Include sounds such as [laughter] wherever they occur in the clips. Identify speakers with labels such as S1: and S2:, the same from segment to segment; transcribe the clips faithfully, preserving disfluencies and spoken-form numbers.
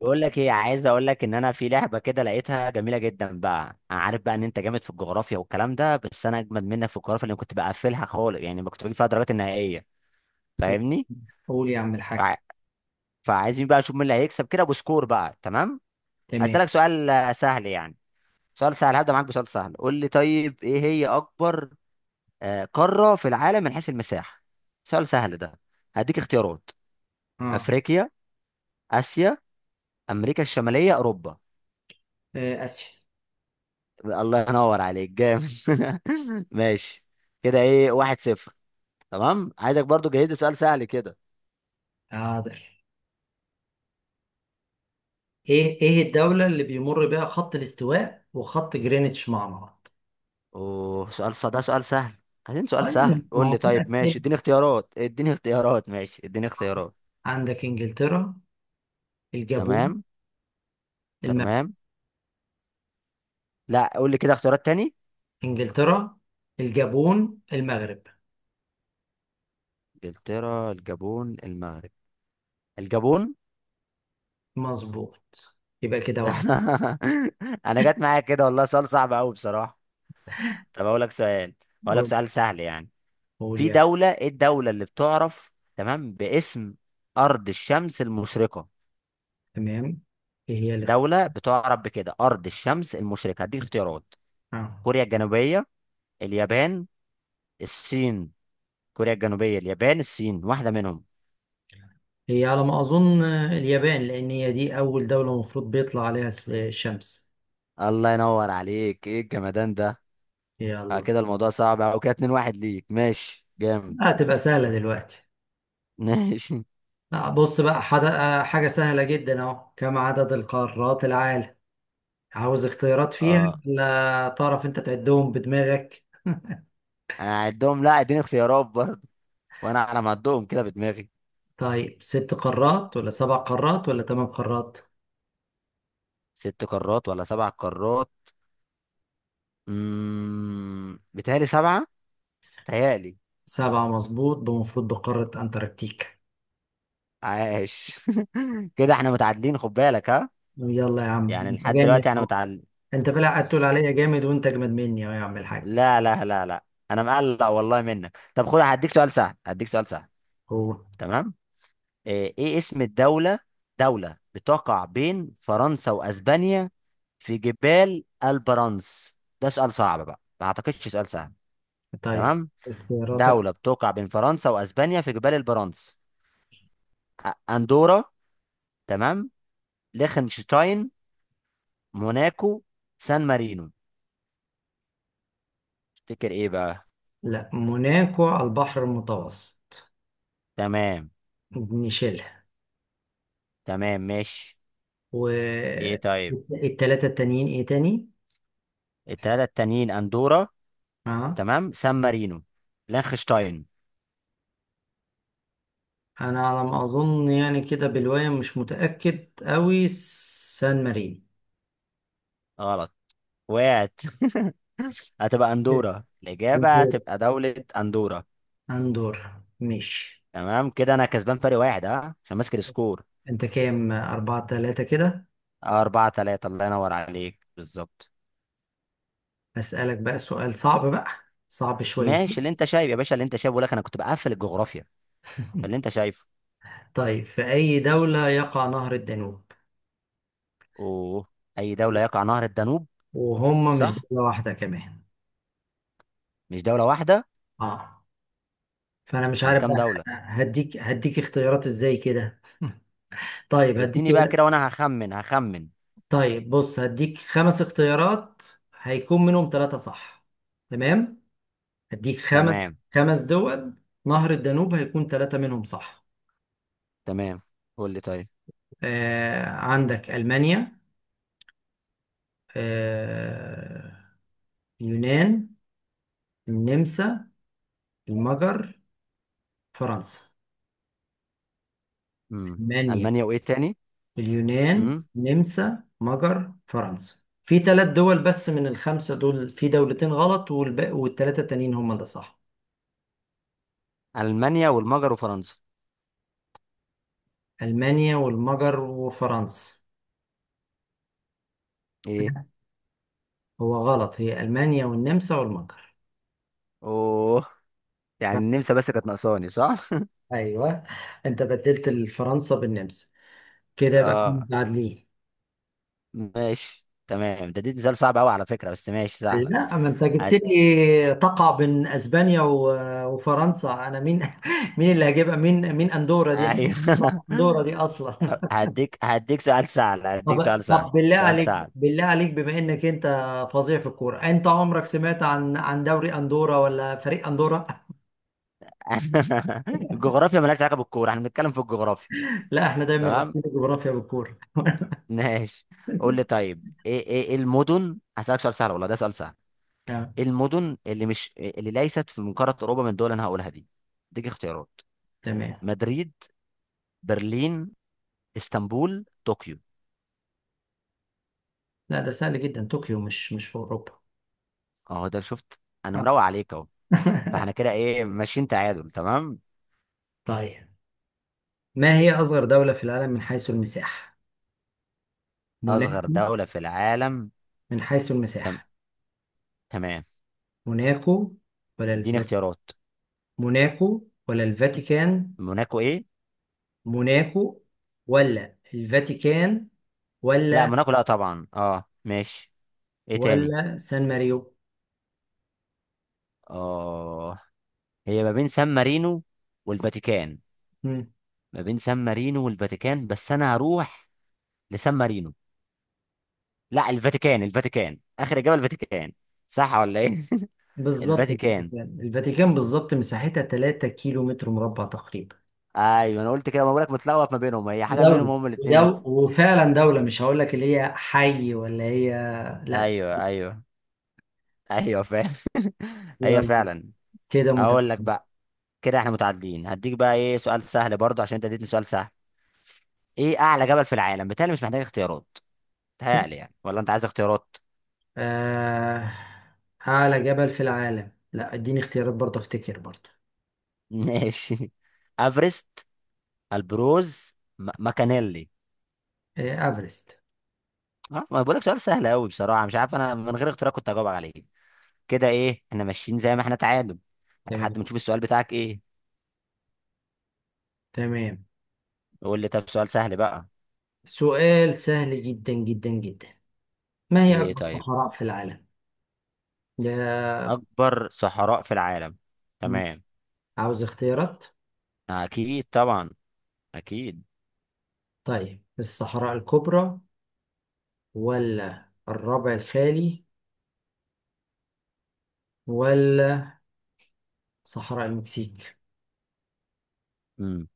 S1: بقول لك ايه، عايز اقول لك ان انا في لعبه كده لقيتها جميله جدا بقى. انا عارف بقى ان انت جامد في الجغرافيا والكلام ده، بس انا اجمد منك في الجغرافيا اللي كنت بقفلها خالص، يعني ما كنت بجيب فيها درجات النهائيه. فاهمني؟
S2: قول يا عم الحاج.
S1: فع- فعايزين بقى نشوف مين اللي هيكسب كده بسكور بقى. تمام.
S2: تمام.
S1: هسألك سؤال آه، سهل يعني. سؤال سهل، هبدأ معاك بسؤال سهل. قول لي طيب، ايه هي اكبر آه، قاره في العالم من حيث المساحه؟ سؤال سهل ده. هديك اختيارات.
S2: اه.
S1: افريقيا، اسيا، امريكا الشماليه، اوروبا.
S2: آه، اسيا.
S1: الله ينور عليك، جامد. [laughs] ماشي. كده ايه؟ واحد صفر. تمام. عايزك برضو جهز لي سؤال سهل كده.
S2: حاضر. ايه ايه الدولة اللي بيمر بها خط الاستواء وخط جرينتش مع بعض؟
S1: اوه، سؤال ص- ده سؤال سهل. عايزين سؤال
S2: طيب،
S1: سهل؟
S2: ما
S1: قول
S2: هو
S1: لي
S2: في
S1: طيب، ماشي.
S2: اسئلة.
S1: اديني اختيارات اديني اختيارات، ماشي، اديني اختيارات.
S2: عندك انجلترا، الجابون،
S1: تمام.
S2: المغرب.
S1: تمام. لا، قول لي كده اختيارات تاني.
S2: انجلترا، الجابون، المغرب.
S1: انجلترا، الجابون، المغرب. الجابون.
S2: مظبوط. يبقى
S1: [laughs]
S2: كده واحد.
S1: انا جت معايا كده، والله سؤال صعب قوي بصراحة. طب اقول لك سؤال، اقول لك
S2: قول
S1: سؤال سهل يعني.
S2: قول
S1: في
S2: يا.
S1: دولة، ايه الدولة اللي بتعرف تمام باسم أرض الشمس المشرقة؟
S2: تمام. ايه هي الاختيار.
S1: دولة بتعرف بكده أرض الشمس المشرقة. هديك اختيارات.
S2: آه.
S1: كوريا الجنوبية، اليابان، الصين. كوريا الجنوبية، اليابان، الصين، واحدة منهم.
S2: هي على ما اظن آه، اليابان، لان هي دي اول دولة المفروض بيطلع عليها الشمس.
S1: الله ينور عليك، ايه الجمدان ده. آه
S2: يلا.
S1: كده الموضوع صعب او كده. اتنين واحد ليك. ماشي، جامد.
S2: هتبقى سهلة دلوقتي.
S1: [laughs] ماشي.
S2: آه، بص بقى، حد... آه، حاجة سهلة جدا اهو، كم عدد القارات العالم؟ عاوز اختيارات فيها،
S1: اه،
S2: ولا تعرف انت تعدهم بدماغك؟
S1: انا هعدهم. لا، اديني اختيارات برضه. وانا على ما اعدهم كده بدماغي.
S2: طيب، ست قارات ولا سبع قارات ولا ثمان قارات؟
S1: ست قارات ولا سبع قارات؟ امم بتهيألي سبعة. تهيألي.
S2: سبعة مظبوط، بمفروض بقارة انتاركتيكا.
S1: عاش. [laughs] كده احنا متعادلين، خد بالك ها.
S2: يلا يا عم،
S1: يعني
S2: انت
S1: لحد
S2: جامد
S1: دلوقتي انا
S2: اهو.
S1: متعادل.
S2: انت بلا قاعد تقول عليا جامد وانت اجمد مني اهو يا عم الحاج.
S1: لا، لا، لا، لا. انا مقلق والله منك. طب خد، هديك سؤال سهل هديك سؤال سهل.
S2: هو.
S1: تمام. ايه إيه اسم الدولة؟ دولة بتقع بين فرنسا واسبانيا في جبال البرانس. ده سؤال صعب بقى، ما اعتقدش سؤال سهل.
S2: طيب،
S1: تمام.
S2: اختياراتك.
S1: دولة بتقع بين فرنسا واسبانيا في جبال البرانس. أ- اندورا. تمام. ليخنشتاين، موناكو، سان مارينو. تفتكر ايه بقى؟
S2: لا، موناكو على البحر المتوسط.
S1: تمام.
S2: نشيلها.
S1: تمام، ماشي. ايه طيب،
S2: والتلاتة التانيين ايه تاني؟
S1: التلاتة التانيين اندورا.
S2: اه.
S1: تمام. سان مارينو، لانخشتاين.
S2: انا على ما اظن، يعني كده بالواية مش متأكد اوي، سان مارين.
S1: غلط. وقعت. [laughs] هتبقى اندورا، الاجابة
S2: أندورا.
S1: هتبقى دولة اندورا.
S2: أندورا ماشي.
S1: تمام، كده انا كسبان فرق واحد، اه، عشان ماسك السكور.
S2: انت كام؟ أربعة تلاتة كده.
S1: آه، اربعة تلاتة، الله ينور عليك بالظبط.
S2: أسألك بقى سؤال صعب بقى. صعب
S1: ماشي، اللي
S2: شويتين.
S1: انت شايف يا باشا، اللي انت شايفه. بقول لك انا كنت بقفل الجغرافيا. فاللي
S2: [laughs]
S1: انت شايفه.
S2: طيب، في أي دولة يقع نهر الدانوب؟
S1: اوه، اي دولة يقع نهر الدانوب؟
S2: وهم مش
S1: صح،
S2: دولة واحدة كمان.
S1: مش دولة واحدة.
S2: اه. فأنا مش
S1: امال
S2: عارف
S1: كام
S2: بقى.
S1: دولة؟
S2: هديك هديك اختيارات ازاي كده. [laughs] طيب هديك.
S1: اديني بقى كده، وانا هخمن. هخمن
S2: طيب بص، هديك خمس اختيارات. هيكون منهم ثلاثة صح. تمام. هديك خمس
S1: تمام.
S2: خمس دول. نهر الدانوب هيكون ثلاثة منهم صح.
S1: تمام، قول لي طيب.
S2: آه عندك ألمانيا. آه اليونان، النمسا، المجر، فرنسا.
S1: امم
S2: ألمانيا،
S1: المانيا، وايه تاني؟
S2: اليونان،
S1: امم
S2: النمسا، مجر، فرنسا. في ثلاث دول بس من الخمسة دول، في دولتين غلط والباقي والثلاثة التانيين هم اللي صح.
S1: المانيا والمجر وفرنسا.
S2: ألمانيا والمجر وفرنسا.
S1: ايه؟
S2: هو غلط، هي ألمانيا والنمسا والمجر.
S1: اوه، يعني النمسا بس كانت ناقصاني، صح.
S2: أيوه. أنت بدلت فرنسا بالنمسا. كده يبقى احنا
S1: اه،
S2: متعادلين.
S1: ماشي تمام. ده دي سؤال صعب قوي على فكره، بس ماشي، سهله.
S2: لا، ما أنت جبت
S1: هد...
S2: لي تقع بين أسبانيا و- وفرنسا، أنا مين. [laughs] مين اللي هجيبها، مين مين أندورا دي، أنا ما أسمع
S1: ايوه. [laughs]
S2: أندورا دي أصلا. [laughs]
S1: هديك هديك سؤال سهل، هديك
S2: طب
S1: سؤال سهل
S2: طب بالله
S1: سؤال
S2: عليك،
S1: سهل.
S2: بالله عليك، بما إنك أنت فظيع في الكورة، أنت عمرك سمعت عن عن دوري أندورا ولا فريق أندورا؟
S1: [laughs] الجغرافيا مالهاش علاقه بالكوره، احنا بنتكلم في الجغرافيا.
S2: [laughs] لا، احنا دايما
S1: تمام،
S2: رابطين الجغرافيا بالكورة.
S1: ماشي. قول لي طيب، ايه ايه إيه المدن. هسألك سؤال سهل، والله ده سؤال سهل.
S2: آه،
S1: المدن اللي مش اللي ليست في من قارة أوروبا من الدول اللي أنا هقولها دي. اديك اختيارات.
S2: تمام.
S1: مدريد، برلين، اسطنبول، طوكيو.
S2: لا، ده سهل جدا، طوكيو مش مش في أوروبا.
S1: اهو ده شفت. أنا
S2: آه.
S1: مروق عليك أهو.
S2: [laughs]
S1: فاحنا كده إيه؟ ماشيين تعادل. تمام.
S2: طيب، ما هي أصغر دولة في العالم من حيث المساحة؟
S1: أصغر
S2: موناكو.
S1: دولة في العالم.
S2: من حيث المساحة.
S1: تمام.
S2: موناكو، ولا
S1: اديني
S2: الف...
S1: اختيارات.
S2: موناكو ولا الفاتيكان.
S1: موناكو إيه؟
S2: موناكو ولا الفاتيكان
S1: لا،
S2: ولا.
S1: موناكو لا طبعا، أه ماشي. إيه تاني؟
S2: ولا سان ماريو.
S1: أه، هي ما بين سان مارينو والفاتيكان.
S2: مم.
S1: ما بين سان مارينو والفاتيكان، بس أنا هروح لسان مارينو. لا، الفاتيكان، الفاتيكان اخر اجابه، الفاتيكان. صح ولا ايه؟ [laughs]
S2: بالظبط
S1: الفاتيكان.
S2: الفاتيكان، الفاتيكان بالظبط، مساحتها ثلاثة كيلو متر مربع تقريبا.
S1: ايوه، انا قلت كده، ما بقولك متلخبط ما بينهم، هي حاجه منهم،
S2: دولة،
S1: هم الاثنين
S2: ودولة
S1: بس.
S2: وفعلا دولة، مش هقول لك اللي هي حي ولا هي. لا.
S1: ايوه، ايوه. ايوه فعلا. [laughs] هي
S2: يلا.
S1: فعلا.
S2: كده
S1: هقول لك
S2: متكامل.
S1: بقى. كده احنا متعادلين. هديك بقى، ايه، سؤال سهل برضه عشان انت اديتني سؤال سهل. ايه اعلى جبل في العالم؟ بالتالي مش محتاج اختيارات. بيتهيألي يعني، ولا انت عايز اختيارات؟
S2: آه، أعلى جبل في العالم، لا اديني اختيارات برضه، أفتكر برضه.
S1: [laughs] ماشي. افرست، البروز، م- ماكانيلي.
S2: آه، أفرست.
S1: اه، ما بقولك سؤال سهل قوي بصراحه، مش عارف انا من غير اختيارات كنت هجاوب عليه. كده ايه؟ احنا ماشيين زي ما احنا، تعادل. لحد
S2: تمام.
S1: ما نشوف السؤال بتاعك ايه.
S2: تمام.
S1: قول لي طب سؤال سهل بقى.
S2: سؤال سهل جدا جدا جدا. ما هي
S1: ايه
S2: أكبر
S1: طيب.
S2: صحراء في العالم؟ ده.
S1: اكبر صحراء في العالم.
S2: مم.
S1: تمام.
S2: عاوز اختيارات؟
S1: اكيد طبعا، اكيد.
S2: طيب، الصحراء الكبرى. ولا الربع الخالي. ولا صحراء المكسيك.
S1: امم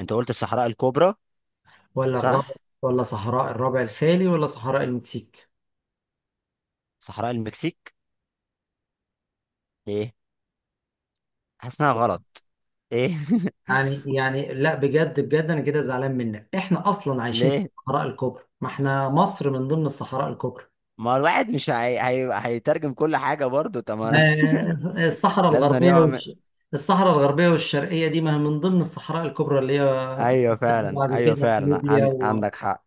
S1: انت قلت الصحراء الكبرى.
S2: ولا الربع.
S1: صح.
S2: ولا صحراء الربع الخالي ولا صحراء المكسيك؟
S1: صحراء المكسيك. ايه؟ حاسس انها غلط. ايه؟
S2: يعني يعني لا، بجد بجد انا كده زعلان منك، احنا اصلا
S1: [laughs]
S2: عايشين في
S1: ليه؟
S2: الصحراء الكبرى، ما احنا مصر من ضمن الصحراء الكبرى.
S1: ما الواحد مش هي... هي... هيترجم كل حاجه برضو، طب ما أنا.
S2: آه،
S1: [laughs]
S2: الصحراء
S1: لازم
S2: الغربيه
S1: يعمل.
S2: والش... الصحراء الغربيه والشرقيه دي ما هي من ضمن الصحراء الكبرى اللي هي
S1: ايوه فعلا،
S2: بعد
S1: ايوه
S2: كده في
S1: فعلا،
S2: ليبيا،
S1: عند... عندك
S2: وفي
S1: حق.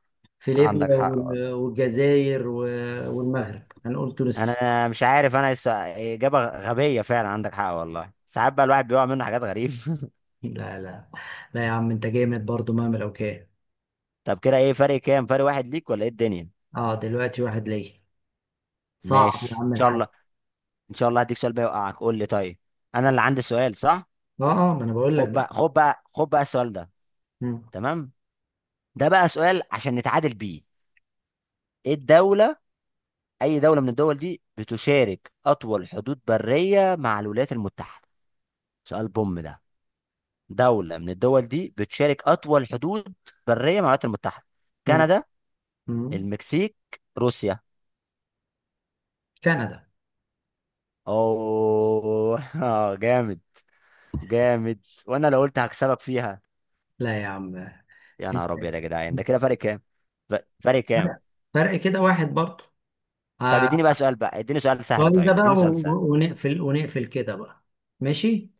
S1: عندك
S2: ليبيا
S1: حق.
S2: وال- والجزائر و- والمغرب، هنقول تونس.
S1: انا مش عارف، انا الس- اجابه غبيه فعلا، عندك حق، والله ساعات بقى الواحد بيقع منه حاجات غريبه.
S2: لا لا لا يا عم، انت جامد برضو مهما لو كان.
S1: [laughs] طب كده ايه؟ فرق كام؟ فرق واحد ليك ولا ايه الدنيا؟
S2: اه، دلوقتي واحد ليا. صعب يا
S1: ماشي، ان
S2: عم
S1: شاء
S2: الحاج.
S1: الله. ان شاء الله هديك سؤال بقى يوقعك. قول لي طيب. انا اللي عندي سؤال، صح.
S2: اه. اه، ما انا بقول لك
S1: خد بقى
S2: بقى.
S1: خد بقى خد بقى السؤال ده.
S2: مم.
S1: تمام. ده بقى سؤال عشان نتعادل بيه. ايه الدوله، اي دوله من الدول دي بتشارك اطول حدود بريه مع الولايات المتحده؟ سؤال بوم ده. دوله من الدول دي بتشارك اطول حدود بريه مع الولايات المتحده.
S2: مم.
S1: كندا،
S2: مم.
S1: المكسيك، روسيا.
S2: كندا.
S1: اوه. [laughs] آه، جامد. جامد. وانا لو قلت هكسبك فيها.
S2: لا يا عم.
S1: يا نهار
S2: انت،
S1: ابيض يا جدعان، ده كده فرق كام؟ ف- فرق كام؟
S2: فرق فرق كده واحد برضه.
S1: طب اديني بقى
S2: آه،
S1: سؤال بقى، اديني سؤال سهل،
S2: السؤال ده
S1: طيب
S2: بقى
S1: اديني سؤال سهل.
S2: و- ونقفل ونقفل كده بقى. ماشي.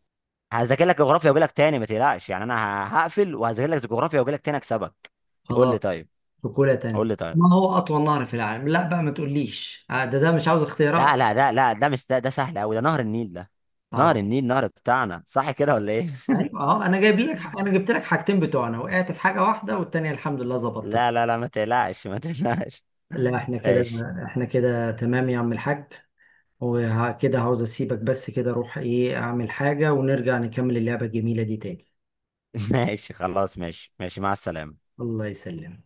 S1: هذاكر لك جغرافيا واجي لك تاني، ما تقلقش يعني، انا ه- هقفل وهذاكر لك جغرافيا واجي لك تاني اكسبك. قول لي
S2: خلاص.
S1: طيب
S2: بكولة تانية،
S1: قول لي طيب.
S2: ما هو أطول نهر في العالم؟ لا بقى، ما تقوليش آه، ده ده مش عاوز اختيارات.
S1: لا، لا، ده لا ده مش ده, ده سهل قوي، ده نهر النيل ده. نهر
S2: طبعا.
S1: النيل، نهر بتاعنا، صح كده ولا ايه؟ [laughs]
S2: ايوه اهو، انا جايب لك انا جبت لك حاجتين بتوعنا، وقعت في حاجه واحده والتانيه الحمد لله
S1: لا،
S2: ظبطت.
S1: لا، لا، ما تقلقش، ما تقلقش.
S2: لا،
S1: [laughs]
S2: احنا كده.
S1: ماشي.
S2: احنا كده تمام يا عم الحاج. وكده عاوز اسيبك، بس كده اروح ايه اعمل حاجه، ونرجع نكمل اللعبه الجميله دي تاني.
S1: [laughs] ماشي خلاص، ماشي، ماشي مع السلامة.
S2: الله يسلمك.